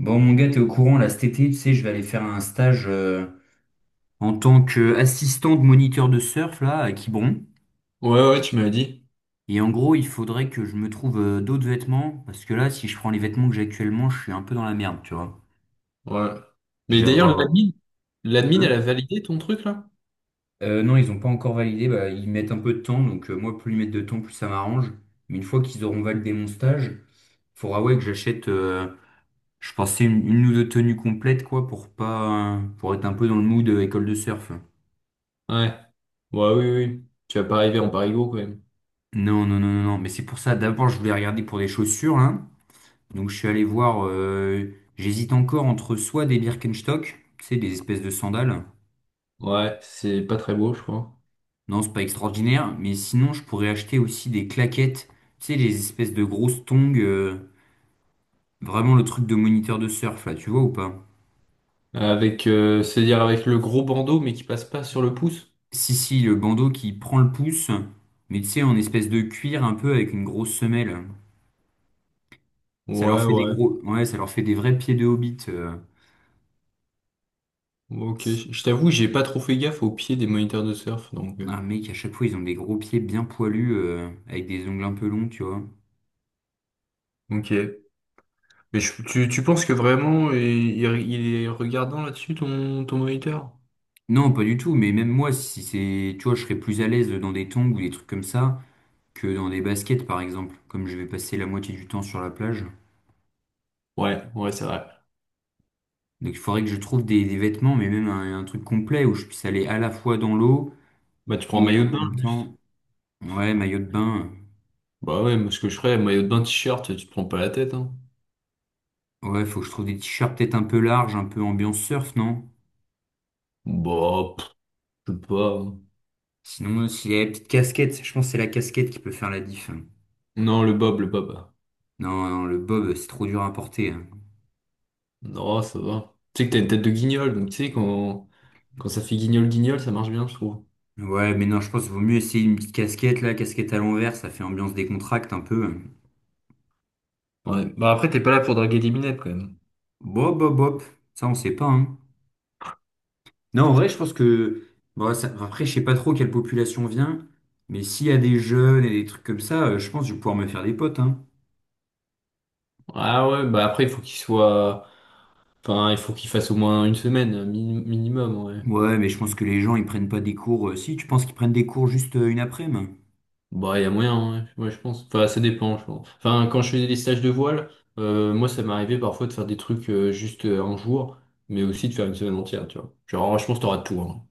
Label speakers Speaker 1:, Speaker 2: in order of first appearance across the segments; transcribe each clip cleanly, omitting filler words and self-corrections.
Speaker 1: Bon, mon gars, t'es au courant, là, cet été, tu sais, je vais aller faire un stage en tant qu'assistant de moniteur de surf, là, à Quiberon.
Speaker 2: Ouais, ouais, tu m'avais dit.
Speaker 1: Et en gros, il faudrait que je me trouve d'autres vêtements, parce que là, si je prends les vêtements que j'ai actuellement, je suis un peu dans la merde, tu vois.
Speaker 2: Ouais. Mais
Speaker 1: Je vais
Speaker 2: d'ailleurs,
Speaker 1: avoir...
Speaker 2: l'admin, elle
Speaker 1: Hein?
Speaker 2: a validé ton truc, là?
Speaker 1: Non, ils ont pas encore validé, bah, ils mettent un peu de temps, donc moi, plus ils mettent de temps, plus ça m'arrange. Mais une fois qu'ils auront validé mon stage, faudra, ouais, que j'achète, je pensais, une ou deux tenues complètes, quoi, pour pas... pour être un peu dans le mood école de surf.
Speaker 2: Ouais. Ouais, oui, oui. Tu vas pas arriver en parigo, quand même.
Speaker 1: Non, non, non, non, non. Mais c'est pour ça, d'abord, je voulais regarder pour des chaussures, là. Donc, je suis allé voir. J'hésite encore entre soit des Birkenstock, tu sais, des espèces de sandales.
Speaker 2: Ouais, c'est pas très beau, je crois.
Speaker 1: Non, c'est pas extraordinaire. Mais sinon, je pourrais acheter aussi des claquettes, tu sais, les espèces de grosses tongs. Vraiment le truc de moniteur de surf, là, tu vois ou pas?
Speaker 2: Avec, c'est-à-dire avec le gros bandeau, mais qui passe pas sur le pouce?
Speaker 1: Si, si, le bandeau qui prend le pouce, mais tu sais, en espèce de cuir un peu avec une grosse semelle. Ça leur
Speaker 2: Ouais,
Speaker 1: fait des
Speaker 2: ouais.
Speaker 1: gros. Ouais, ça leur fait des vrais pieds de hobbit.
Speaker 2: Ok. Je t'avoue, j'ai pas trop fait gaffe au pied des moniteurs de surf, donc...
Speaker 1: Un
Speaker 2: euh,
Speaker 1: mec, à chaque fois ils ont des gros pieds bien poilus avec des ongles un peu longs, tu vois.
Speaker 2: Ok. Mais tu penses que vraiment, il est regardant là-dessus, ton moniteur?
Speaker 1: Non, pas du tout, mais même moi, si c'est, tu vois, je serais plus à l'aise dans des tongs ou des trucs comme ça que dans des baskets par exemple, comme je vais passer la moitié du temps sur la plage.
Speaker 2: Ouais, ouais, c'est vrai.
Speaker 1: Donc il faudrait que je trouve des vêtements, mais même un truc complet où je puisse aller à la fois dans l'eau
Speaker 2: Bah, tu prends un
Speaker 1: et
Speaker 2: maillot
Speaker 1: en
Speaker 2: de bain,
Speaker 1: même
Speaker 2: juste.
Speaker 1: temps, ouais, maillot de bain.
Speaker 2: Bah ouais, moi, ce que je ferais, maillot de bain, t-shirt, tu te prends pas la tête, hein.
Speaker 1: Ouais, faut que je trouve des t-shirts peut-être un peu larges, un peu ambiance surf, non?
Speaker 2: Bah, pff, je sais pas.
Speaker 1: Sinon, s'il y a la petite casquette, je pense que c'est la casquette qui peut faire la diff, hein.
Speaker 2: Non, le bob.
Speaker 1: Non, non, le bob, c'est trop dur à porter, hein.
Speaker 2: Non, ça va. Tu sais que t'as une tête de guignol, donc tu sais, quand ça fait guignol-guignol, ça marche bien, je trouve.
Speaker 1: Ouais, mais non, je pense qu'il vaut mieux essayer une petite casquette, là, casquette à l'envers, ça fait ambiance décontracte un peu.
Speaker 2: Ouais. Bah après, t'es pas là pour draguer des minettes quand même.
Speaker 1: Bob, bob, bob, ça, on sait pas, hein. Non, en vrai, je pense que... Bon, ça- Après, je sais pas trop quelle population vient, mais s'il y a des jeunes et des trucs comme ça, je pense que je vais pouvoir me faire des potes, hein.
Speaker 2: Ah ouais, bah après, il faut qu'il soit... Enfin, il faut qu'il fasse au moins une semaine, un minimum, ouais.
Speaker 1: Ouais, mais je pense que les gens, ils prennent pas des cours... Si, tu penses qu'ils prennent des cours juste une après-midi?
Speaker 2: Bah, il y a moyen, ouais. Ouais, je pense. Enfin, ça dépend, je pense. Enfin, quand je faisais des stages de voile, moi, ça m'arrivait parfois de faire des trucs juste un jour, mais aussi de faire une semaine entière, tu vois. Genre, je pense que t'auras tout, hein.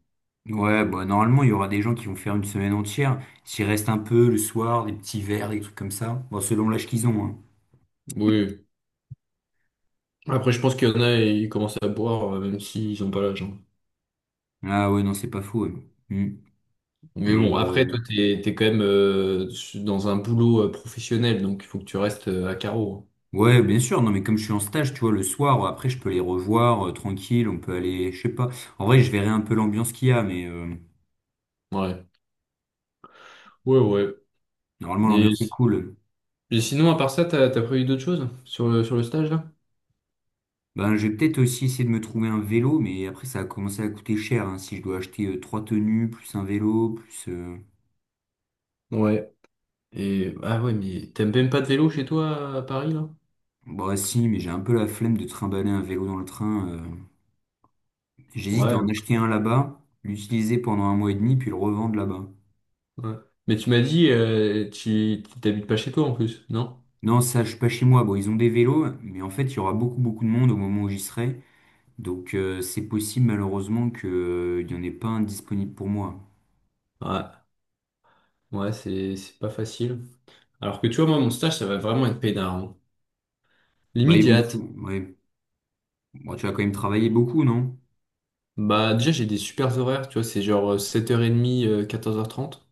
Speaker 1: Ouais, bah normalement, il y aura des gens qui vont faire une semaine entière. S'il reste un peu le soir, des petits verres, des trucs comme ça. Bon, selon l'âge qu'ils ont, hein.
Speaker 2: Oui. Après, je pense qu'il y en a, ils commencent à boire, même s'ils ont pas l'âge. Hein.
Speaker 1: Ah ouais, non, c'est pas faux, ouais. Hmm.
Speaker 2: Mais
Speaker 1: Mais
Speaker 2: bon, après, toi, t'es quand même dans un boulot professionnel, donc il faut que tu restes à carreau.
Speaker 1: ouais, bien sûr, non, mais comme je suis en stage, tu vois, le soir, après, je peux les revoir tranquille, on peut aller, je sais pas. En vrai, je verrai un peu l'ambiance qu'il y a, mais
Speaker 2: Hein. Ouais. Ouais, ouais.
Speaker 1: normalement,
Speaker 2: Et,
Speaker 1: l'ambiance est cool.
Speaker 2: et sinon, à part ça, t'as prévu d'autres choses sur le stage, là?
Speaker 1: Ben, je vais peut-être aussi essayer de me trouver un vélo, mais après, ça a commencé à commencer à coûter cher, hein, si je dois acheter trois tenues, plus un vélo, plus...
Speaker 2: Ouais. Et ah ouais, mais t'aimes même pas de vélo chez toi à Paris là?
Speaker 1: Bah si, mais j'ai un peu la flemme de trimballer un vélo dans le train. J'hésite à
Speaker 2: Ouais,
Speaker 1: en acheter un là-bas, l'utiliser pendant un mois et demi, puis le revendre là-bas.
Speaker 2: ouais. Mais tu m'as dit, tu t'habites pas chez toi en plus, non?
Speaker 1: Non, ça, je suis pas chez moi. Bon, ils ont des vélos, mais en fait, il y aura beaucoup, beaucoup de monde au moment où j'y serai. Donc, c'est possible, malheureusement, que, il y en ait pas un disponible pour moi.
Speaker 2: Ouais, ouais, c'est pas facile. Alors que tu vois, moi, mon stage, ça va vraiment être peinard. Hein.
Speaker 1: Bah,
Speaker 2: Limite,
Speaker 1: ils
Speaker 2: j'ai
Speaker 1: vont te
Speaker 2: hâte.
Speaker 1: fou- Ouais. Bon, tu vas quand même travailler beaucoup, non?
Speaker 2: Bah, déjà, j'ai des super horaires, tu vois, c'est genre 7h30, 14h30.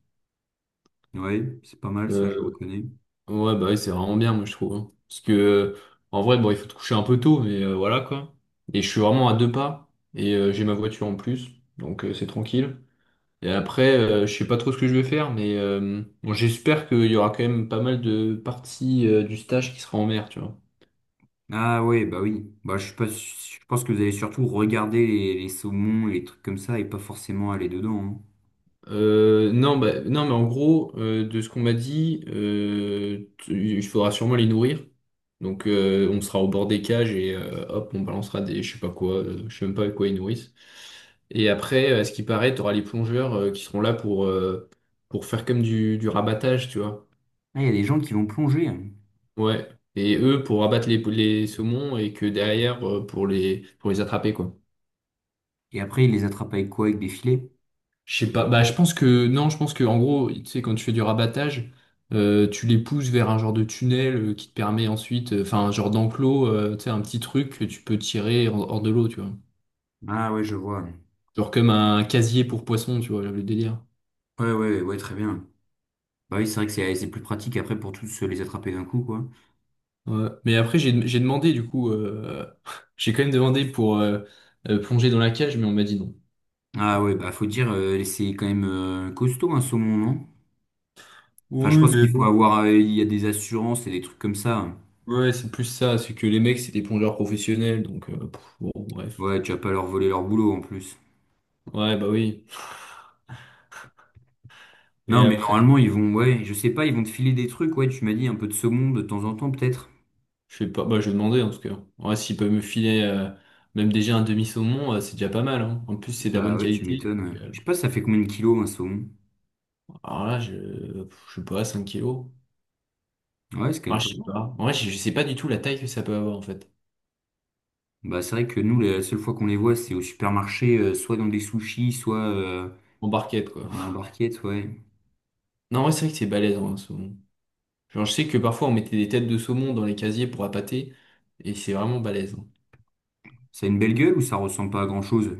Speaker 1: Ouais, c'est pas mal, ça, je
Speaker 2: Euh,
Speaker 1: reconnais.
Speaker 2: ouais, bah oui, c'est vraiment bien, moi, je trouve. Hein. Parce que, en vrai, bon, il faut te coucher un peu tôt, mais voilà quoi. Et je suis vraiment à deux pas, et j'ai ma voiture en plus, donc c'est tranquille. Et après, je sais pas trop ce que je vais faire, mais bon, j'espère qu'il y aura quand même pas mal de parties du stage qui sera en mer, tu vois.
Speaker 1: Ah ouais, bah oui. Bah, je suis pas... su- je pense que vous allez surtout regarder les saumons et les trucs comme ça et pas forcément aller dedans, hein.
Speaker 2: Non, bah, non, mais en gros, de ce qu'on m'a dit, il faudra sûrement les nourrir. Donc, on sera au bord des cages et hop, on balancera des, je sais pas quoi, je sais même pas avec quoi ils nourrissent. Et après, à ce qui paraît, tu auras les plongeurs qui seront là pour faire comme du rabattage, tu vois.
Speaker 1: Ah, il y a des gens qui vont plonger, hein.
Speaker 2: Ouais. Et eux pour abattre les saumons et que derrière pour les attraper quoi.
Speaker 1: Et après, ils les attrapent avec quoi? Avec des filets?
Speaker 2: Je sais pas. Bah je pense que non, je pense que en gros, tu sais quand tu fais du rabattage, tu les pousses vers un genre de tunnel qui te permet ensuite, enfin un genre d'enclos, tu sais un petit truc que tu peux tirer hors de l'eau, tu vois.
Speaker 1: Ah ouais, je vois.
Speaker 2: Genre comme un casier pour poissons, tu vois, le délire.
Speaker 1: Ouais, ouais, ouais, très bien. Bah oui, c'est vrai que c'est plus pratique après pour tous les attraper d'un coup, quoi.
Speaker 2: Ouais. Mais après j'ai demandé du coup, j'ai quand même demandé pour plonger dans la cage, mais on m'a dit non.
Speaker 1: Ah ouais, bah faut dire, c'est quand même costaud un saumon, non? Enfin, je
Speaker 2: Oui,
Speaker 1: pense
Speaker 2: mais
Speaker 1: qu'il faut avoir, il y a des assurances et des trucs comme ça.
Speaker 2: ouais, c'est plus ça, c'est que les mecs, c'est des plongeurs professionnels, bon, bref.
Speaker 1: Ouais, tu vas pas leur voler leur boulot en plus.
Speaker 2: Ouais, bah oui. Et
Speaker 1: Non, mais
Speaker 2: après,
Speaker 1: normalement, ils vont, ouais, je sais pas, ils vont te filer des trucs, ouais, tu m'as dit un peu de saumon de temps en temps, peut-être.
Speaker 2: je sais pas, bah je vais demander en tout cas. Ouais, s'ils peuvent me filer même déjà un demi-saumon, c'est déjà pas mal, hein. En plus, c'est de la
Speaker 1: Bah
Speaker 2: bonne
Speaker 1: ouais, tu
Speaker 2: qualité.
Speaker 1: m'étonnes, ouais.
Speaker 2: Donc,
Speaker 1: Je sais pas, ça fait combien de kilos un saumon?
Speaker 2: alors là, je, pff, je sais pas, 5 kilos.
Speaker 1: Ouais, c'est quand
Speaker 2: Ah,
Speaker 1: même
Speaker 2: je
Speaker 1: pas
Speaker 2: sais
Speaker 1: mal.
Speaker 2: pas. En vrai, je sais pas du tout la taille que ça peut avoir en fait.
Speaker 1: Bah c'est vrai que nous, la seule fois qu'on les voit, c'est au supermarché, soit dans des sushis, soit
Speaker 2: En barquette, quoi.
Speaker 1: en barquette, ouais.
Speaker 2: Non, ouais, c'est vrai que c'est balèze, hein, un saumon. Genre, je sais que parfois, on mettait des têtes de saumon dans les casiers pour appâter, et c'est vraiment balèze. Hein.
Speaker 1: Ça a une belle gueule ou ça ressemble pas à grand-chose?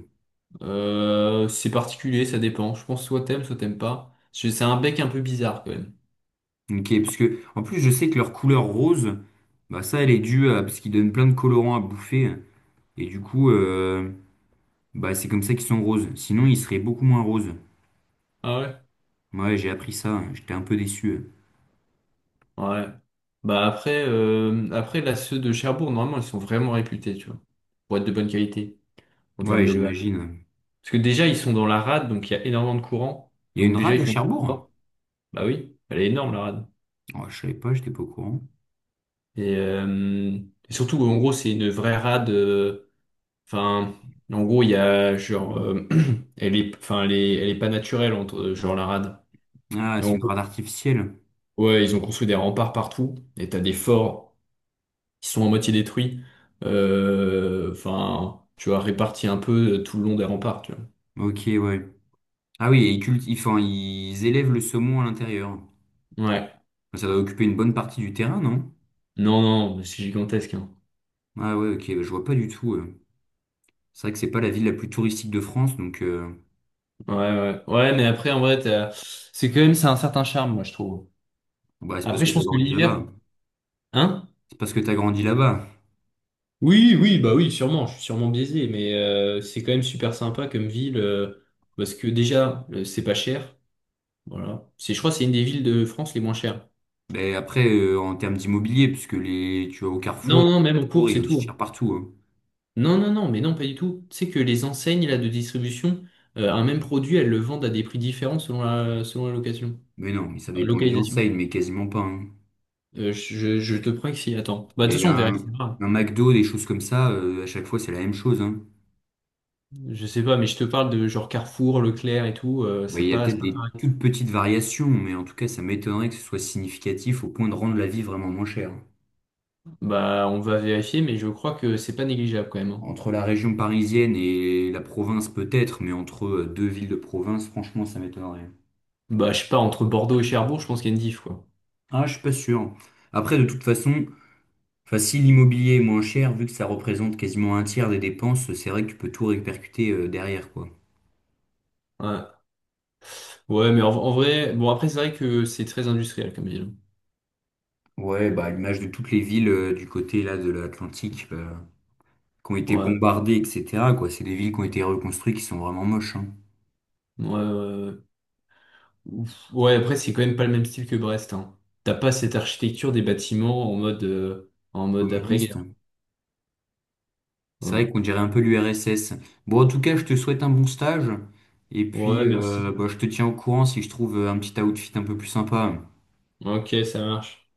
Speaker 2: C'est particulier, ça dépend. Je pense soit t'aimes pas. C'est un bec un peu bizarre quand même.
Speaker 1: Ok, parce que en plus je sais que leur couleur rose, bah ça elle est due à parce qu'ils donnent plein de colorants à bouffer et du coup bah c'est comme ça qu'ils sont roses. Sinon ils seraient beaucoup moins roses.
Speaker 2: Ah ouais?
Speaker 1: Ouais, j'ai appris ça, j'étais un peu déçu.
Speaker 2: Ouais. Bah après, là, ceux de Cherbourg, normalement, ils sont vraiment réputés, tu vois. Pour être de bonne qualité en termes
Speaker 1: Ouais,
Speaker 2: d'élevage.
Speaker 1: j'imagine.
Speaker 2: Parce que déjà, ils sont dans la rade, donc il y a énormément de courant.
Speaker 1: Il y a
Speaker 2: Donc
Speaker 1: une
Speaker 2: déjà,
Speaker 1: rade
Speaker 2: ils
Speaker 1: à
Speaker 2: font du
Speaker 1: Cherbourg?
Speaker 2: sport. Bah oui, elle est énorme la rade.
Speaker 1: Oh, je savais pas, j'étais pas au courant.
Speaker 2: Et, surtout, en gros, c'est une vraie rade. Enfin, en gros, il y a genre, elle est, enfin, elle est pas naturelle entre genre la rade.
Speaker 1: Ah, c'est une rade artificielle.
Speaker 2: Ouais, ils ont construit des remparts partout, et t'as des forts qui sont à moitié détruits, enfin, tu vois, répartis un peu tout le long des remparts, tu
Speaker 1: Ok, ouais. Ah oui, et ils cultivent, enfin, ils élèvent le saumon à l'intérieur.
Speaker 2: vois. Ouais.
Speaker 1: Ça doit occuper une bonne partie du terrain, non?
Speaker 2: Non, non, c'est gigantesque, hein.
Speaker 1: Ah ouais, ok, bah, je vois pas du tout. C'est vrai que c'est pas la ville la plus touristique de France, donc
Speaker 2: Ouais, ouais. Ouais, mais après, en vrai, c'est quand même, c'est un certain charme, moi, je trouve.
Speaker 1: bah, c'est parce
Speaker 2: Après,
Speaker 1: que
Speaker 2: je
Speaker 1: t'as
Speaker 2: pense que
Speaker 1: grandi
Speaker 2: l'hiver,
Speaker 1: là-bas.
Speaker 2: hein?
Speaker 1: C'est parce que t'as grandi là-bas.
Speaker 2: Oui, oui, bah oui, sûrement, je suis sûrement biaisé, mais c'est quand même super sympa comme ville, parce que déjà, c'est pas cher, voilà. C'est, je crois, que c'est une des villes de France les moins chères.
Speaker 1: Mais après, en termes d'immobilier, puisque les, tu vas au
Speaker 2: Non,
Speaker 1: Carrefour,
Speaker 2: non,
Speaker 1: le
Speaker 2: même en
Speaker 1: Carrefour,
Speaker 2: course
Speaker 1: il est
Speaker 2: et
Speaker 1: aussi
Speaker 2: tout.
Speaker 1: cher
Speaker 2: Hein.
Speaker 1: partout, hein.
Speaker 2: Non, non, non, mais non, pas du tout. Tu sais que les enseignes là, de distribution, un même produit, elles le vendent à des prix différents selon selon la
Speaker 1: Mais non, mais ça
Speaker 2: la
Speaker 1: dépend des
Speaker 2: localisation.
Speaker 1: enseignes, mais quasiment pas, hein.
Speaker 2: Je te prends que si, attends. Bah, de toute
Speaker 1: Mais
Speaker 2: façon, on
Speaker 1: un,
Speaker 2: vérifiera.
Speaker 1: un McDo, des choses comme ça, à chaque fois, c'est la même chose, hein.
Speaker 2: Je sais pas, mais je te parle de genre Carrefour, Leclerc et tout.
Speaker 1: Ouais, il y a
Speaker 2: C'est
Speaker 1: peut-être
Speaker 2: pas
Speaker 1: des
Speaker 2: pareil.
Speaker 1: toutes petites variations, mais en tout cas, ça m'étonnerait que ce soit significatif au point de rendre la vie vraiment moins chère.
Speaker 2: Bah, on va vérifier, mais je crois que c'est pas négligeable quand même. Hein.
Speaker 1: Entre la région parisienne et la province, peut-être, mais entre deux villes de province, franchement, ça m'étonnerait.
Speaker 2: Bah, je sais pas, entre Bordeaux et Cherbourg, je pense qu'il y a une diff, quoi.
Speaker 1: Ah, je suis pas sûr. Après, de toute façon, enfin, si l'immobilier est moins cher, vu que ça représente quasiment un tiers des dépenses, c'est vrai que tu peux tout répercuter derrière, quoi.
Speaker 2: Ouais, ouais mais en vrai, bon, après, c'est vrai que c'est très industriel comme ville.
Speaker 1: Ouais, bah, à l'image de toutes les villes du côté là de l'Atlantique qui ont été
Speaker 2: Ouais,
Speaker 1: bombardées, etc., quoi. C'est des villes qui ont été reconstruites qui sont vraiment moches, hein.
Speaker 2: ouais, ouais, ouais. Ouf. Ouais, après, c'est quand même pas le même style que Brest, hein. T'as pas cette architecture des bâtiments en mode, après-guerre.
Speaker 1: Communistes. C'est vrai
Speaker 2: Ouais.
Speaker 1: qu'on dirait un peu l'URSS. Bon, en tout cas, je te souhaite un bon stage. Et
Speaker 2: Ouais,
Speaker 1: puis,
Speaker 2: merci.
Speaker 1: bah, je te tiens au courant si je trouve un petit outfit un peu plus sympa.
Speaker 2: Ok, ça marche.